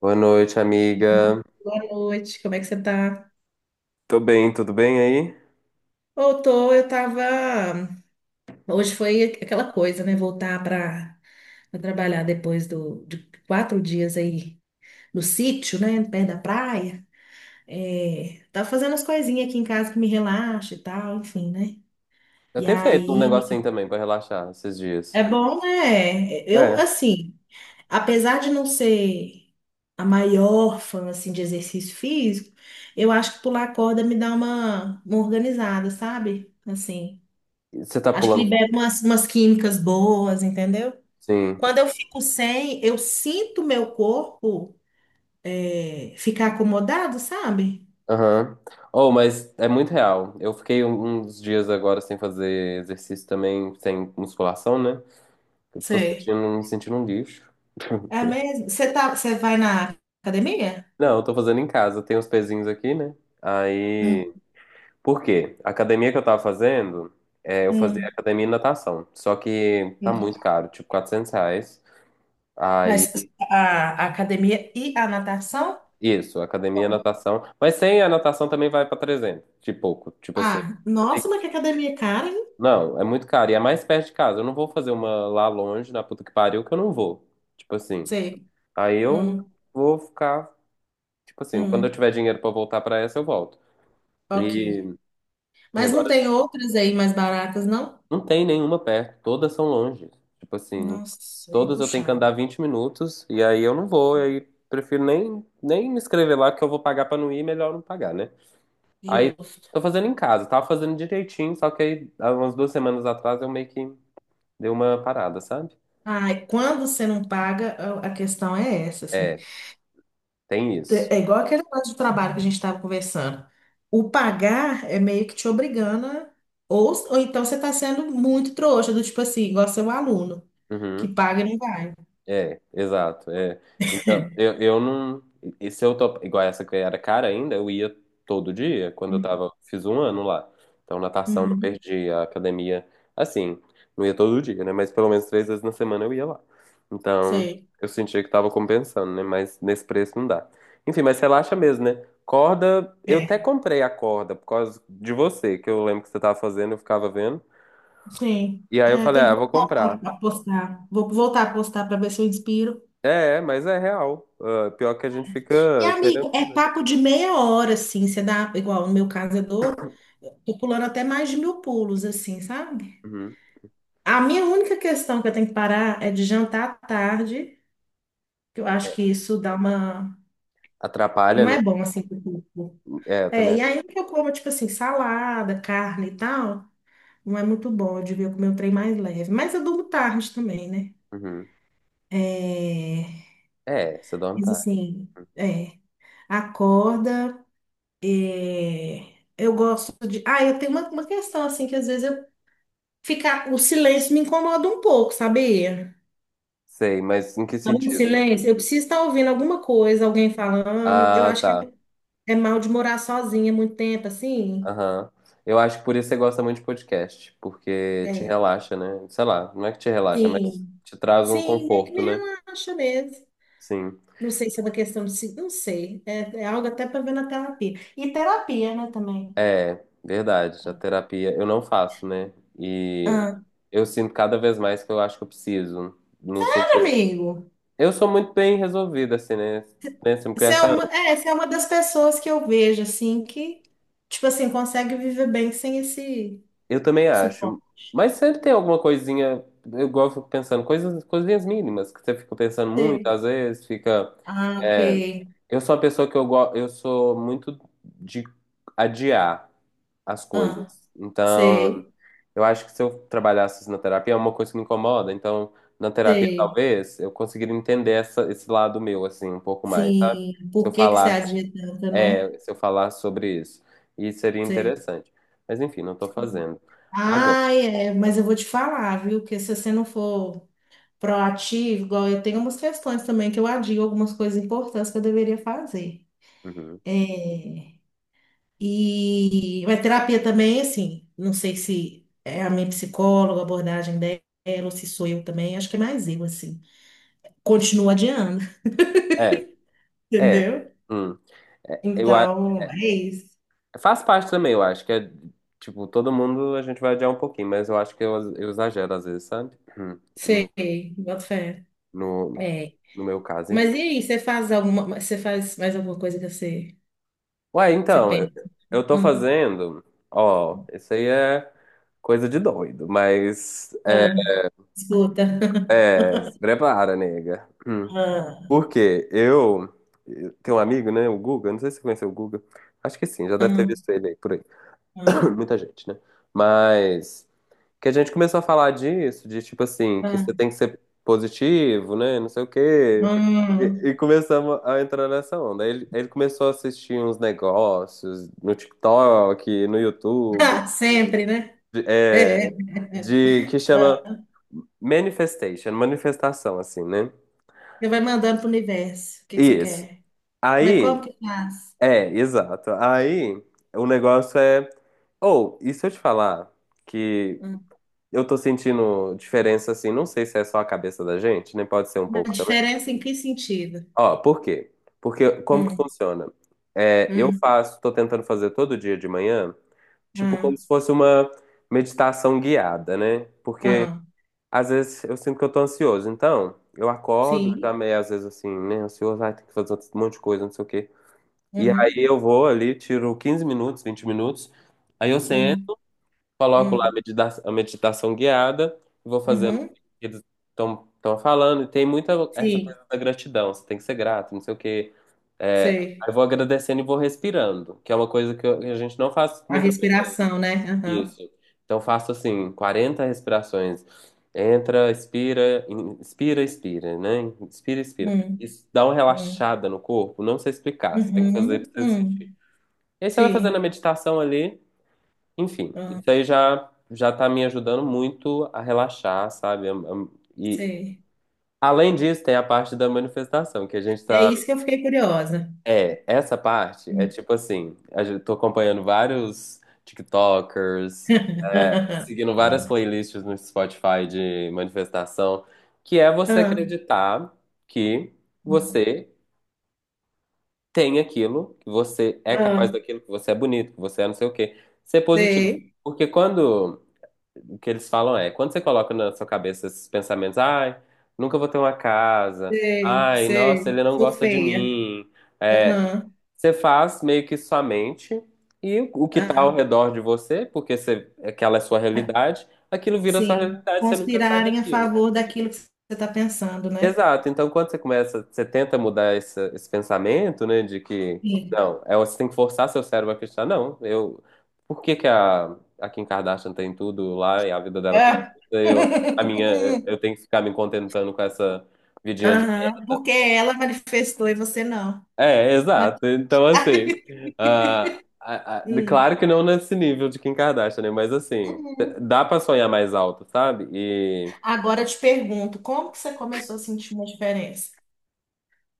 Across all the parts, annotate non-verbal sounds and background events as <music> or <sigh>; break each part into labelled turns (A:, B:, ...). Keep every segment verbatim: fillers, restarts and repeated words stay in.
A: Boa noite, amiga.
B: Boa noite, como é que você tá?
A: Tô bem, tudo bem aí?
B: Eu tô, eu tava. Hoje foi aquela coisa, né? Voltar pra pra trabalhar depois do, de quatro dias aí no sítio, né? Perto da praia. É, tava fazendo as coisinhas aqui em casa que me relaxa e tal, enfim, né?
A: Eu
B: E
A: tenho feito um negocinho
B: aí,
A: também pra relaxar esses dias.
B: é bom, né? Eu,
A: É,
B: assim, apesar de não ser a maior fã, assim, de exercício físico, eu acho que pular corda me dá uma, uma organizada, sabe? Assim.
A: você tá
B: Acho que
A: pulando.
B: libera umas, umas químicas boas, entendeu?
A: Sim.
B: Quando eu fico sem, eu sinto meu corpo é, ficar acomodado, sabe?
A: Aham. Oh, mas é muito real. Eu fiquei um- uns dias agora sem fazer exercício também, sem musculação, né? Eu tô
B: Sei.
A: sentindo, me sentindo um lixo.
B: É
A: <laughs>
B: mesmo? Você tá, você vai na academia?
A: Não, eu tô fazendo em casa. Tem uns pezinhos aqui, né? Aí.
B: Hum,
A: Por quê? A academia que eu tava fazendo, é, eu fazia
B: hum,
A: academia e natação. Só que tá
B: hum.
A: muito caro, tipo quatrocentos reais.
B: Mas
A: Aí
B: a, a academia e a natação?
A: isso, academia e natação. Mas sem a natação também vai para trezentos, de pouco, tipo assim.
B: Ah, nossa, mas que academia cara, hein?
A: Não, é muito caro. E é mais perto de casa. Eu não vou fazer uma lá longe, na puta que pariu, que eu não vou. Tipo assim.
B: Sei.
A: Aí eu
B: Hum,
A: vou ficar. Tipo assim, quando eu
B: hum,
A: tiver dinheiro pra voltar pra essa, eu volto.
B: ok.
A: E, e
B: Mas não
A: agora,
B: tem outras aí mais baratas, não?
A: não tem nenhuma perto. Todas são longe. Tipo assim,
B: Nossa, aí é
A: todas eu tenho que andar
B: puxado.
A: vinte minutos. E aí eu não vou. Aí prefiro nem, nem me inscrever lá, que eu vou pagar pra não ir. Melhor não pagar, né? Aí
B: Justo.
A: tô fazendo em casa, tava fazendo direitinho, só que aí há umas duas semanas atrás eu meio que dei uma parada, sabe?
B: Ai, quando você não paga, a a questão é essa, assim.
A: É, tem isso.
B: É igual aquele negócio de trabalho que a gente estava conversando. O pagar é meio que te obrigando, a- ou, ou então você está sendo muito trouxa, do tipo assim, igual seu aluno, que
A: Uhum.
B: paga e não vai.
A: É, exato. É. Então,
B: <laughs>
A: eu, eu não. E se eu tô. Igual essa que era cara ainda, eu ia todo dia, quando eu
B: Hum.
A: tava. Fiz um ano lá. Então, natação, não
B: Uhum.
A: perdi a academia. Assim, não ia todo dia, né? Mas pelo menos três vezes na semana eu ia lá. Então,
B: Sei.
A: eu sentia que tava compensando, né? Mas nesse preço não dá. Enfim, mas relaxa mesmo, né? Corda, eu
B: É.
A: até comprei a corda por causa de você, que eu lembro que você tava fazendo, eu ficava vendo.
B: Sim.
A: E aí eu
B: É,
A: falei,
B: tem
A: ah,
B: que
A: eu vou comprar.
B: voltar a postar. Vou voltar a postar para ver se eu inspiro.
A: É, é, mas é real. Ah, pior que a gente
B: E,
A: fica querendo.
B: amigo, é papo de meia hora, assim. Você dá, igual no meu caso, eu dou, tô pulando até mais de mil pulos, assim, sabe?
A: Uhum.
B: A minha única questão que eu tenho que parar é de jantar à tarde, que eu acho que isso dá uma.
A: Atrapalha,
B: Não
A: né?
B: é bom assim pro corpo.
A: É, eu também
B: É, e
A: acho.
B: ainda que eu como, tipo assim, salada, carne e tal, não é muito bom. Eu devia comer um trem mais leve. Mas eu durmo tarde também, né?
A: Uhum.
B: É,
A: É, você dorme
B: mas
A: tarde.
B: assim, é, acorda. É, eu gosto de. Ah, eu tenho uma, uma questão assim, que às vezes eu ficar. O silêncio me incomoda um pouco, sabia?
A: Sei, mas em que
B: Tá em
A: sentido?
B: silêncio. Eu preciso estar ouvindo alguma coisa, alguém falando. Eu
A: Ah,
B: acho que
A: tá.
B: é mal de morar sozinha muito tempo, assim.
A: Aham. Eu acho que por isso você gosta muito de podcast, porque te
B: É,
A: relaxa, né? Sei lá, não é que te relaxa, mas
B: sim.
A: te traz um
B: Sim, meio que
A: conforto,
B: me
A: né?
B: relaxa mesmo.
A: Sim.
B: Não sei se é uma questão de... se- Não sei. É, é algo até para ver na terapia. E terapia, né, também.
A: É, verdade. A terapia eu não faço, né? E
B: Ah,
A: eu sinto cada vez mais que eu acho que eu preciso, num sentido.
B: amigo,
A: Eu sou muito bem resolvido, assim, né? Né? Você me
B: você é
A: conhece há anos.
B: uma, é, você é uma das pessoas que eu vejo, assim, que, tipo assim, consegue viver bem sem esse
A: Eu também
B: suporte.
A: acho. Mas sempre tem alguma coisinha. Eu gosto fico pensando, coisas, coisinhas mínimas, que você fica pensando muito,
B: Sei.
A: às vezes, fica.
B: Ah, ok.
A: é, eu sou uma pessoa que eu gosto. Eu sou muito de adiar as coisas.
B: Ah,
A: Então,
B: sei,
A: eu acho que se eu trabalhasse na terapia, é uma coisa que me incomoda. Então, na terapia,
B: sei.
A: talvez, eu conseguiria entender essa, esse lado meu, assim, um pouco mais, sabe?
B: Sim,
A: Se
B: por
A: eu
B: que que você
A: falar
B: adia tanto, né?
A: É, se eu falar sobre isso. E seria
B: Sei.
A: interessante. Mas enfim, não estou fazendo. Agora.
B: Ai, é, mas eu vou te falar, viu? Que se você não for proativo, igual eu tenho umas questões também que eu adio algumas coisas importantes que eu deveria fazer.
A: Uhum.
B: É, e a terapia também, assim, não sei se é a minha psicóloga, a abordagem dela, ou se sou eu também, acho que é mais eu, assim. Continuo adiando,
A: É,
B: <laughs>
A: é.
B: entendeu?
A: Hum. É, eu, a-
B: Então, é isso.
A: Faz parte também, eu acho que é. Tipo, todo mundo a gente vai adiar um pouquinho, mas eu acho que eu, eu exagero às vezes, sabe? Hum. No,
B: Sei, boto fé.
A: no,
B: É.
A: no meu caso, enfim.
B: Mas e aí, você faz alguma, você faz mais alguma coisa que você,
A: Ué,
B: você
A: então, eu,
B: pensa?
A: eu tô
B: Ah,
A: fazendo. Ó, isso aí é coisa de doido, mas.
B: ah, escuta. <laughs>
A: É, se prepara, nega. Hum.
B: Ah,
A: Porque eu eu tenho um amigo, né, o Guga, não sei se você conheceu o Guga, acho que sim, já deve ter
B: ah,
A: visto ele aí por aí.
B: ah,
A: <coughs> <clears throat> Muita gente, né? Mas que a gente começou a falar disso, de tipo assim, que você
B: ah,
A: tem que ser positivo, né, não sei o quê. E,
B: hum.
A: e começamos a entrar nessa onda. Aí Ele, ele começou a assistir uns negócios no TikTok, no
B: <laughs>
A: YouTube,
B: Ah, sempre, né?
A: de- é,
B: É.
A: de que chama
B: Ah.
A: manifestation, manifestação, assim, né?
B: Você vai mandando para o universo o que que você
A: Isso.
B: quer. Mas
A: Aí
B: como que faz?
A: é, exato. Aí o negócio é. Ou, e se eu te falar que
B: Hum.
A: eu tô sentindo diferença assim, não sei se é só a cabeça da gente, nem pode ser um
B: Uma
A: pouco também.
B: diferença em que sentido?
A: Ó, por quê? Porque como que
B: Hum,
A: funciona? É, eu
B: hum,
A: faço, tô tentando fazer todo dia de manhã, tipo como
B: hum,
A: se fosse uma meditação guiada, né? Porque
B: hum.
A: às vezes eu sinto que eu tô ansioso, então eu acordo já
B: Sim.
A: meio às vezes assim, né, ansioso, ai, tem que fazer um monte de coisa, não sei o quê. E aí
B: Uhum,
A: eu vou ali, tiro quinze minutos, vinte minutos. Aí eu
B: hum,
A: sento, coloco lá a
B: hum,
A: medita- a meditação guiada, e vou fazendo o
B: uhum.
A: que eles estão falando. E tem muita essa
B: Sim,
A: coisa da gratidão, você tem que ser grato, não sei o quê. É, aí
B: sei.
A: eu vou agradecendo e vou respirando, que é uma coisa que, eu- que a gente não faz
B: A
A: muito frequente.
B: respiração, né? Aham.
A: Isso. Então eu faço assim, quarenta respirações. Entra, expira, in- inspira, expira, né? Inspira, expira.
B: Hum,
A: Isso dá uma
B: hum.
A: relaxada no corpo, não sei explicar. Você tem que fazer
B: Uhum,
A: pra você sentir.
B: hum,
A: E aí você vai fazendo a
B: sim,
A: meditação ali, enfim,
B: ah,
A: isso aí já já tá me ajudando muito a relaxar, sabe? Am- am- E
B: sei.
A: além disso, tem a parte da manifestação, que a gente
B: É
A: tá.
B: isso que eu fiquei curiosa.
A: É, essa parte é
B: Hum.
A: tipo assim, a gente- tô acompanhando vários TikTokers, é,
B: <laughs>
A: seguindo várias
B: Ah,
A: playlists no Spotify de manifestação, que é você
B: ah,
A: acreditar que você tem aquilo, que você é capaz
B: ah,
A: daquilo, que você é bonito, que você é não sei o quê. Ser positivo.
B: sei,
A: Porque quando o que eles falam é, quando você coloca na sua cabeça esses pensamentos, ai, nunca vou ter uma casa,
B: sei,
A: ai, nossa, ele
B: sei.
A: não
B: Sou
A: gosta de
B: feia.
A: mim. É,
B: Aham,
A: você faz meio que sua mente e o que está ao
B: ah,
A: redor de você, porque você, aquela é sua
B: ah,
A: realidade, aquilo vira sua
B: sim.
A: realidade, você nunca sai
B: Conspirarem a
A: daquilo.
B: favor daquilo que você está pensando, né?
A: Exato. Então, quando você começa, você tenta mudar esse, esse pensamento, né, de que
B: Sim.
A: não, é você tem que forçar seu cérebro a acreditar. Não, eu. Por que que a, a Kim Kardashian tem tudo lá e a vida dela é
B: Ah.
A: perfeita, e eu, a minha,
B: <laughs>
A: eu tenho que ficar me contentando com essa vidinha de
B: Aham,
A: merda?
B: porque ela manifestou e você não.
A: É,
B: Mas,
A: exato. Então, assim, ah, ah, ah,
B: hum,
A: claro que não nesse nível de Kim Kardashian, né? Mas assim,
B: uhum.
A: dá pra sonhar mais alto, sabe? E,
B: Agora eu te pergunto, como que você começou a sentir uma diferença?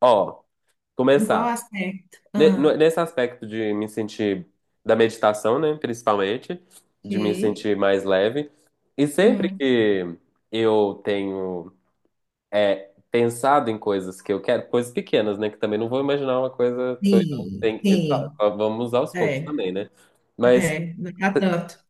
A: ó,
B: Em qual
A: começar.
B: aspecto?
A: Ne- no-
B: Ah,
A: Nesse aspecto de me sentir da meditação, né, principalmente, de me
B: ok.
A: sentir mais leve. E sempre
B: Hum.
A: que eu tenho pensado em coisas que eu quero, coisas pequenas, né, que também não vou imaginar uma coisa, tô indo-
B: Sim,
A: tem-
B: sim.
A: sabe, vamos aos poucos
B: É,
A: também, né? Mas
B: é, não tá tanto.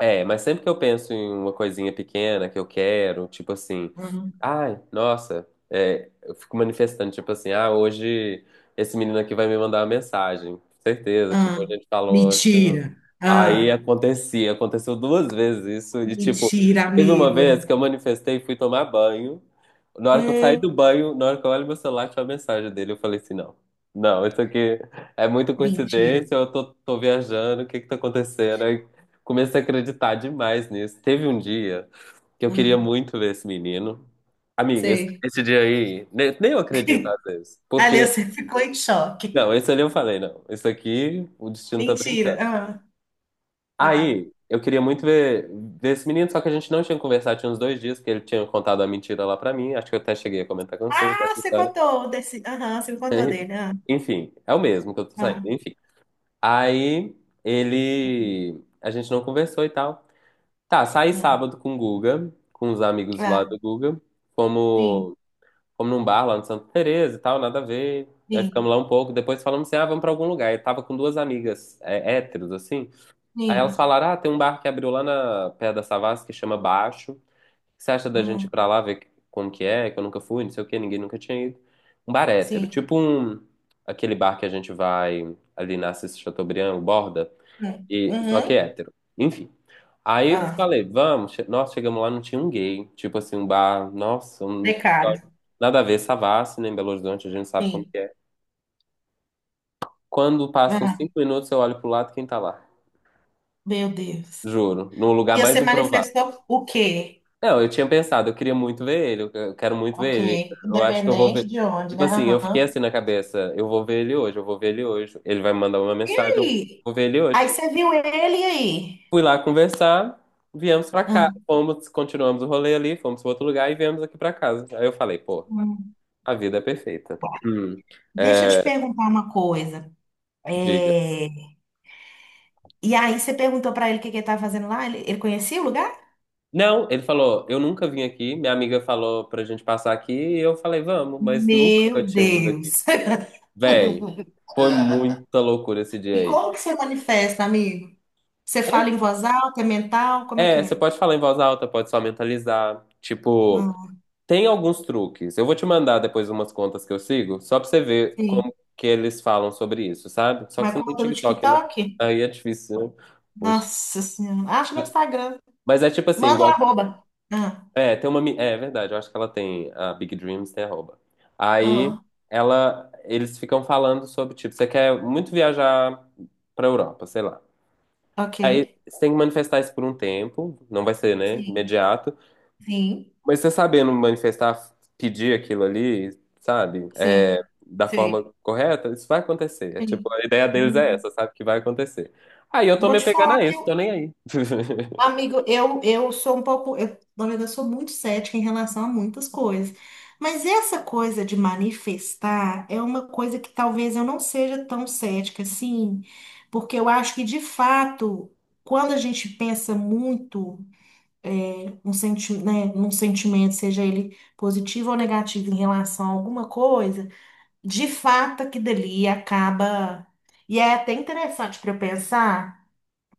A: é, mas sempre que eu penso em uma coisinha pequena que eu quero, tipo assim,
B: Hum.
A: ai, nossa, é, eu fico manifestando, tipo assim, ah, hoje esse menino aqui vai me mandar uma mensagem, certeza, tipo, a
B: Ah,
A: gente falou, tipo,
B: mentira.
A: aí
B: Ah,
A: acontecia, aconteceu duas vezes isso, e tipo,
B: mentira,
A: teve uma
B: amigo.
A: vez que eu manifestei e fui tomar banho, na hora que eu saí
B: Hum,
A: do banho, na hora que eu olho meu celular, tinha uma mensagem dele. Eu falei assim, não. Não, isso aqui é muita
B: mentira.
A: coincidência, eu tô, tô viajando, o que que tá acontecendo? Comecei a acreditar demais nisso. Teve um dia que eu queria
B: Ah,
A: muito ver esse menino. Amiga, esse,
B: sei.
A: esse dia aí, ne- nem, eu acredito às
B: <laughs>
A: vezes.
B: Ali
A: Porque,
B: você ficou em choque.
A: não, esse ali eu falei, não. Isso aqui, o destino tá
B: Mentira.
A: brincando.
B: Ah, vai.
A: Aí, eu queria muito ver, ver esse menino, só que a gente não tinha conversado, tinha uns dois dias, porque ele tinha contado a mentira lá pra mim. Acho que eu até cheguei a comentar com você
B: Ah,
A: essa
B: você
A: história.
B: contou desse. Aham, você me contou
A: <laughs>
B: dele. Ah,
A: Enfim, é o mesmo que eu tô saindo,
B: ah,
A: enfim. Aí,
B: hum.
A: ele. A gente não conversou e tal. Tá, saí
B: Hum.
A: sábado com o Guga, com os amigos lá
B: Ah,
A: do Guga.
B: sim,
A: Fomos, fomos num bar lá no Santa Teresa e tal, nada a ver. Aí
B: sim,
A: ficamos lá um pouco, depois falamos assim, ah, vamos pra algum lugar. Eu tava com duas amigas é, héteros, assim. Aí elas
B: sim.
A: falaram, ah, tem um bar que abriu lá na Pedra da Savassi que chama Baixo. O que você acha da gente ir
B: Hum,
A: pra lá ver como que é? Que eu nunca fui, não sei o quê, ninguém nunca tinha ido. Um bar hétero,
B: sim.
A: tipo um, aquele bar que a gente vai ali na Assis Chateaubriand, o Borda.
B: Hum.
A: E, só que é
B: Uhum.
A: hétero. Enfim. Aí
B: Ah,
A: falei, vamos. Che- nossa, chegamos lá, não tinha um gay. Tipo assim, um bar. Nossa, um-
B: precário.
A: nada a ver, Savassi, né? Em Belo Horizonte, a gente sabe como
B: Sim.
A: que é. Quando passam
B: Ah,
A: cinco minutos, eu olho pro lado, quem tá lá?
B: meu Deus.
A: Juro, no lugar
B: E
A: mais
B: você
A: improvável.
B: manifestou o quê?
A: Não, eu tinha pensado, eu queria muito ver ele, eu eu quero muito
B: Ok.
A: ver ele. Eu acho que eu vou
B: Independente
A: ver.
B: de onde,
A: Tipo
B: né?
A: assim, eu fiquei
B: Aham.
A: assim na cabeça, eu vou ver ele hoje, eu vou ver ele hoje. Ele vai me mandar uma
B: E
A: mensagem, eu vou
B: aí?
A: vou ver ele hoje.
B: Aí você viu ele e aí?
A: Fui lá conversar, viemos pra cá.
B: Ah,
A: Fomos, continuamos o rolê ali, fomos para outro lugar e viemos aqui pra casa. Aí eu falei, pô,
B: hum.
A: a vida é perfeita. Hum,
B: Deixa eu te
A: é,
B: perguntar uma coisa.
A: diga.
B: É, e aí você perguntou pra ele o que que ele estava fazendo lá? Ele, ele conhecia o lugar?
A: Não, ele falou, eu nunca vim aqui. Minha amiga falou pra gente passar aqui e eu falei, vamos, mas nunca eu
B: Meu
A: tinha vindo aqui.
B: Deus! <laughs>
A: Véi, foi
B: Ah.
A: muita loucura esse dia
B: E
A: aí.
B: como que você manifesta, amigo? Você
A: É,
B: fala em voz alta, é mental? Como é que
A: é, você
B: é?
A: pode falar em voz alta, pode só mentalizar. Tipo,
B: Ah,
A: tem alguns truques. Eu vou te mandar depois umas contas que eu sigo, só pra você ver
B: sim.
A: como que eles falam sobre isso, sabe? Só que
B: Uma
A: você não tem
B: conta do
A: TikTok, né?
B: TikTok?
A: Aí é difícil, né? Poxa.
B: Nossa Senhora. Acho no Instagram.
A: Mas é tipo assim,
B: Manda o
A: igual.
B: arroba. Ah,
A: É, tem uma. mi- É, é verdade, eu acho que ela tem. A Big Dreams tem arroba. Aí
B: ah,
A: ela. Eles ficam falando sobre, tipo, você quer muito viajar pra Europa, sei lá.
B: ok.
A: Aí você tem que manifestar isso por um tempo, não vai ser, né?
B: Sim,
A: Imediato.
B: sim,
A: Mas você sabendo manifestar, pedir aquilo ali, sabe? É,
B: sim,
A: da
B: sei,
A: forma correta, isso vai acontecer. É tipo,
B: sim.
A: a ideia deles é
B: Hum,
A: essa, sabe? Que vai acontecer. Aí eu tô
B: vou
A: me
B: te
A: apegando
B: falar
A: a
B: que
A: isso,
B: eu,
A: tô nem aí. <laughs>
B: amigo, eu, eu sou um pouco, eu, na verdade, eu sou muito cética em relação a muitas coisas. Mas essa coisa de manifestar é uma coisa que talvez eu não seja tão cética assim, porque eu acho que de fato, quando a gente pensa muito um senti né, num sentimento, seja ele positivo ou negativo em relação a alguma coisa, de fato, aquilo ali acaba. E é até interessante para eu pensar,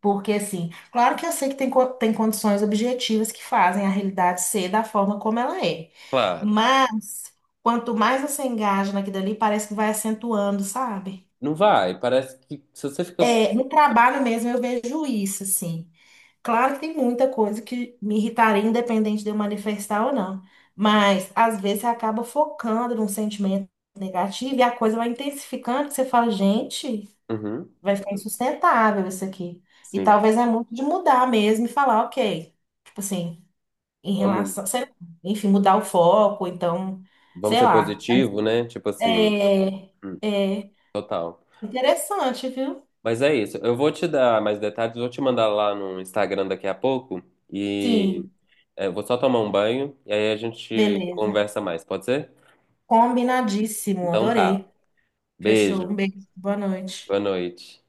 B: porque, assim, claro que eu sei que tem, co- tem condições objetivas que fazem a realidade ser da forma como ela é.
A: Claro.
B: Mas, quanto mais você engaja naquilo ali, parece que vai acentuando, sabe?
A: Não vai. Parece que se você fica.
B: É, no trabalho mesmo eu vejo isso, assim. Claro que tem muita coisa que me irritaria, independente de eu manifestar ou não. Mas, às vezes, você acaba focando num sentimento negativo e a coisa vai intensificando, que você fala, gente,
A: Uhum,
B: vai ficar insustentável isso aqui. E
A: sim.
B: talvez é muito de mudar mesmo e falar, ok. Tipo assim, em
A: Vamos,
B: relação, sei lá, enfim, mudar o foco, então,
A: vamos
B: sei
A: ser
B: lá. Mas
A: positivo, né? Tipo assim.
B: é,
A: Hum,
B: é
A: total.
B: interessante, viu?
A: Mas é isso. Eu vou te dar mais detalhes, vou te mandar lá no Instagram daqui a pouco. E
B: Sim,
A: é, eu vou só tomar um banho e aí a gente
B: beleza.
A: conversa mais, pode ser?
B: Combinadíssimo,
A: Então tá.
B: adorei. Fechou.
A: Beijo,
B: Um beijo, boa
A: boa
B: noite.
A: noite.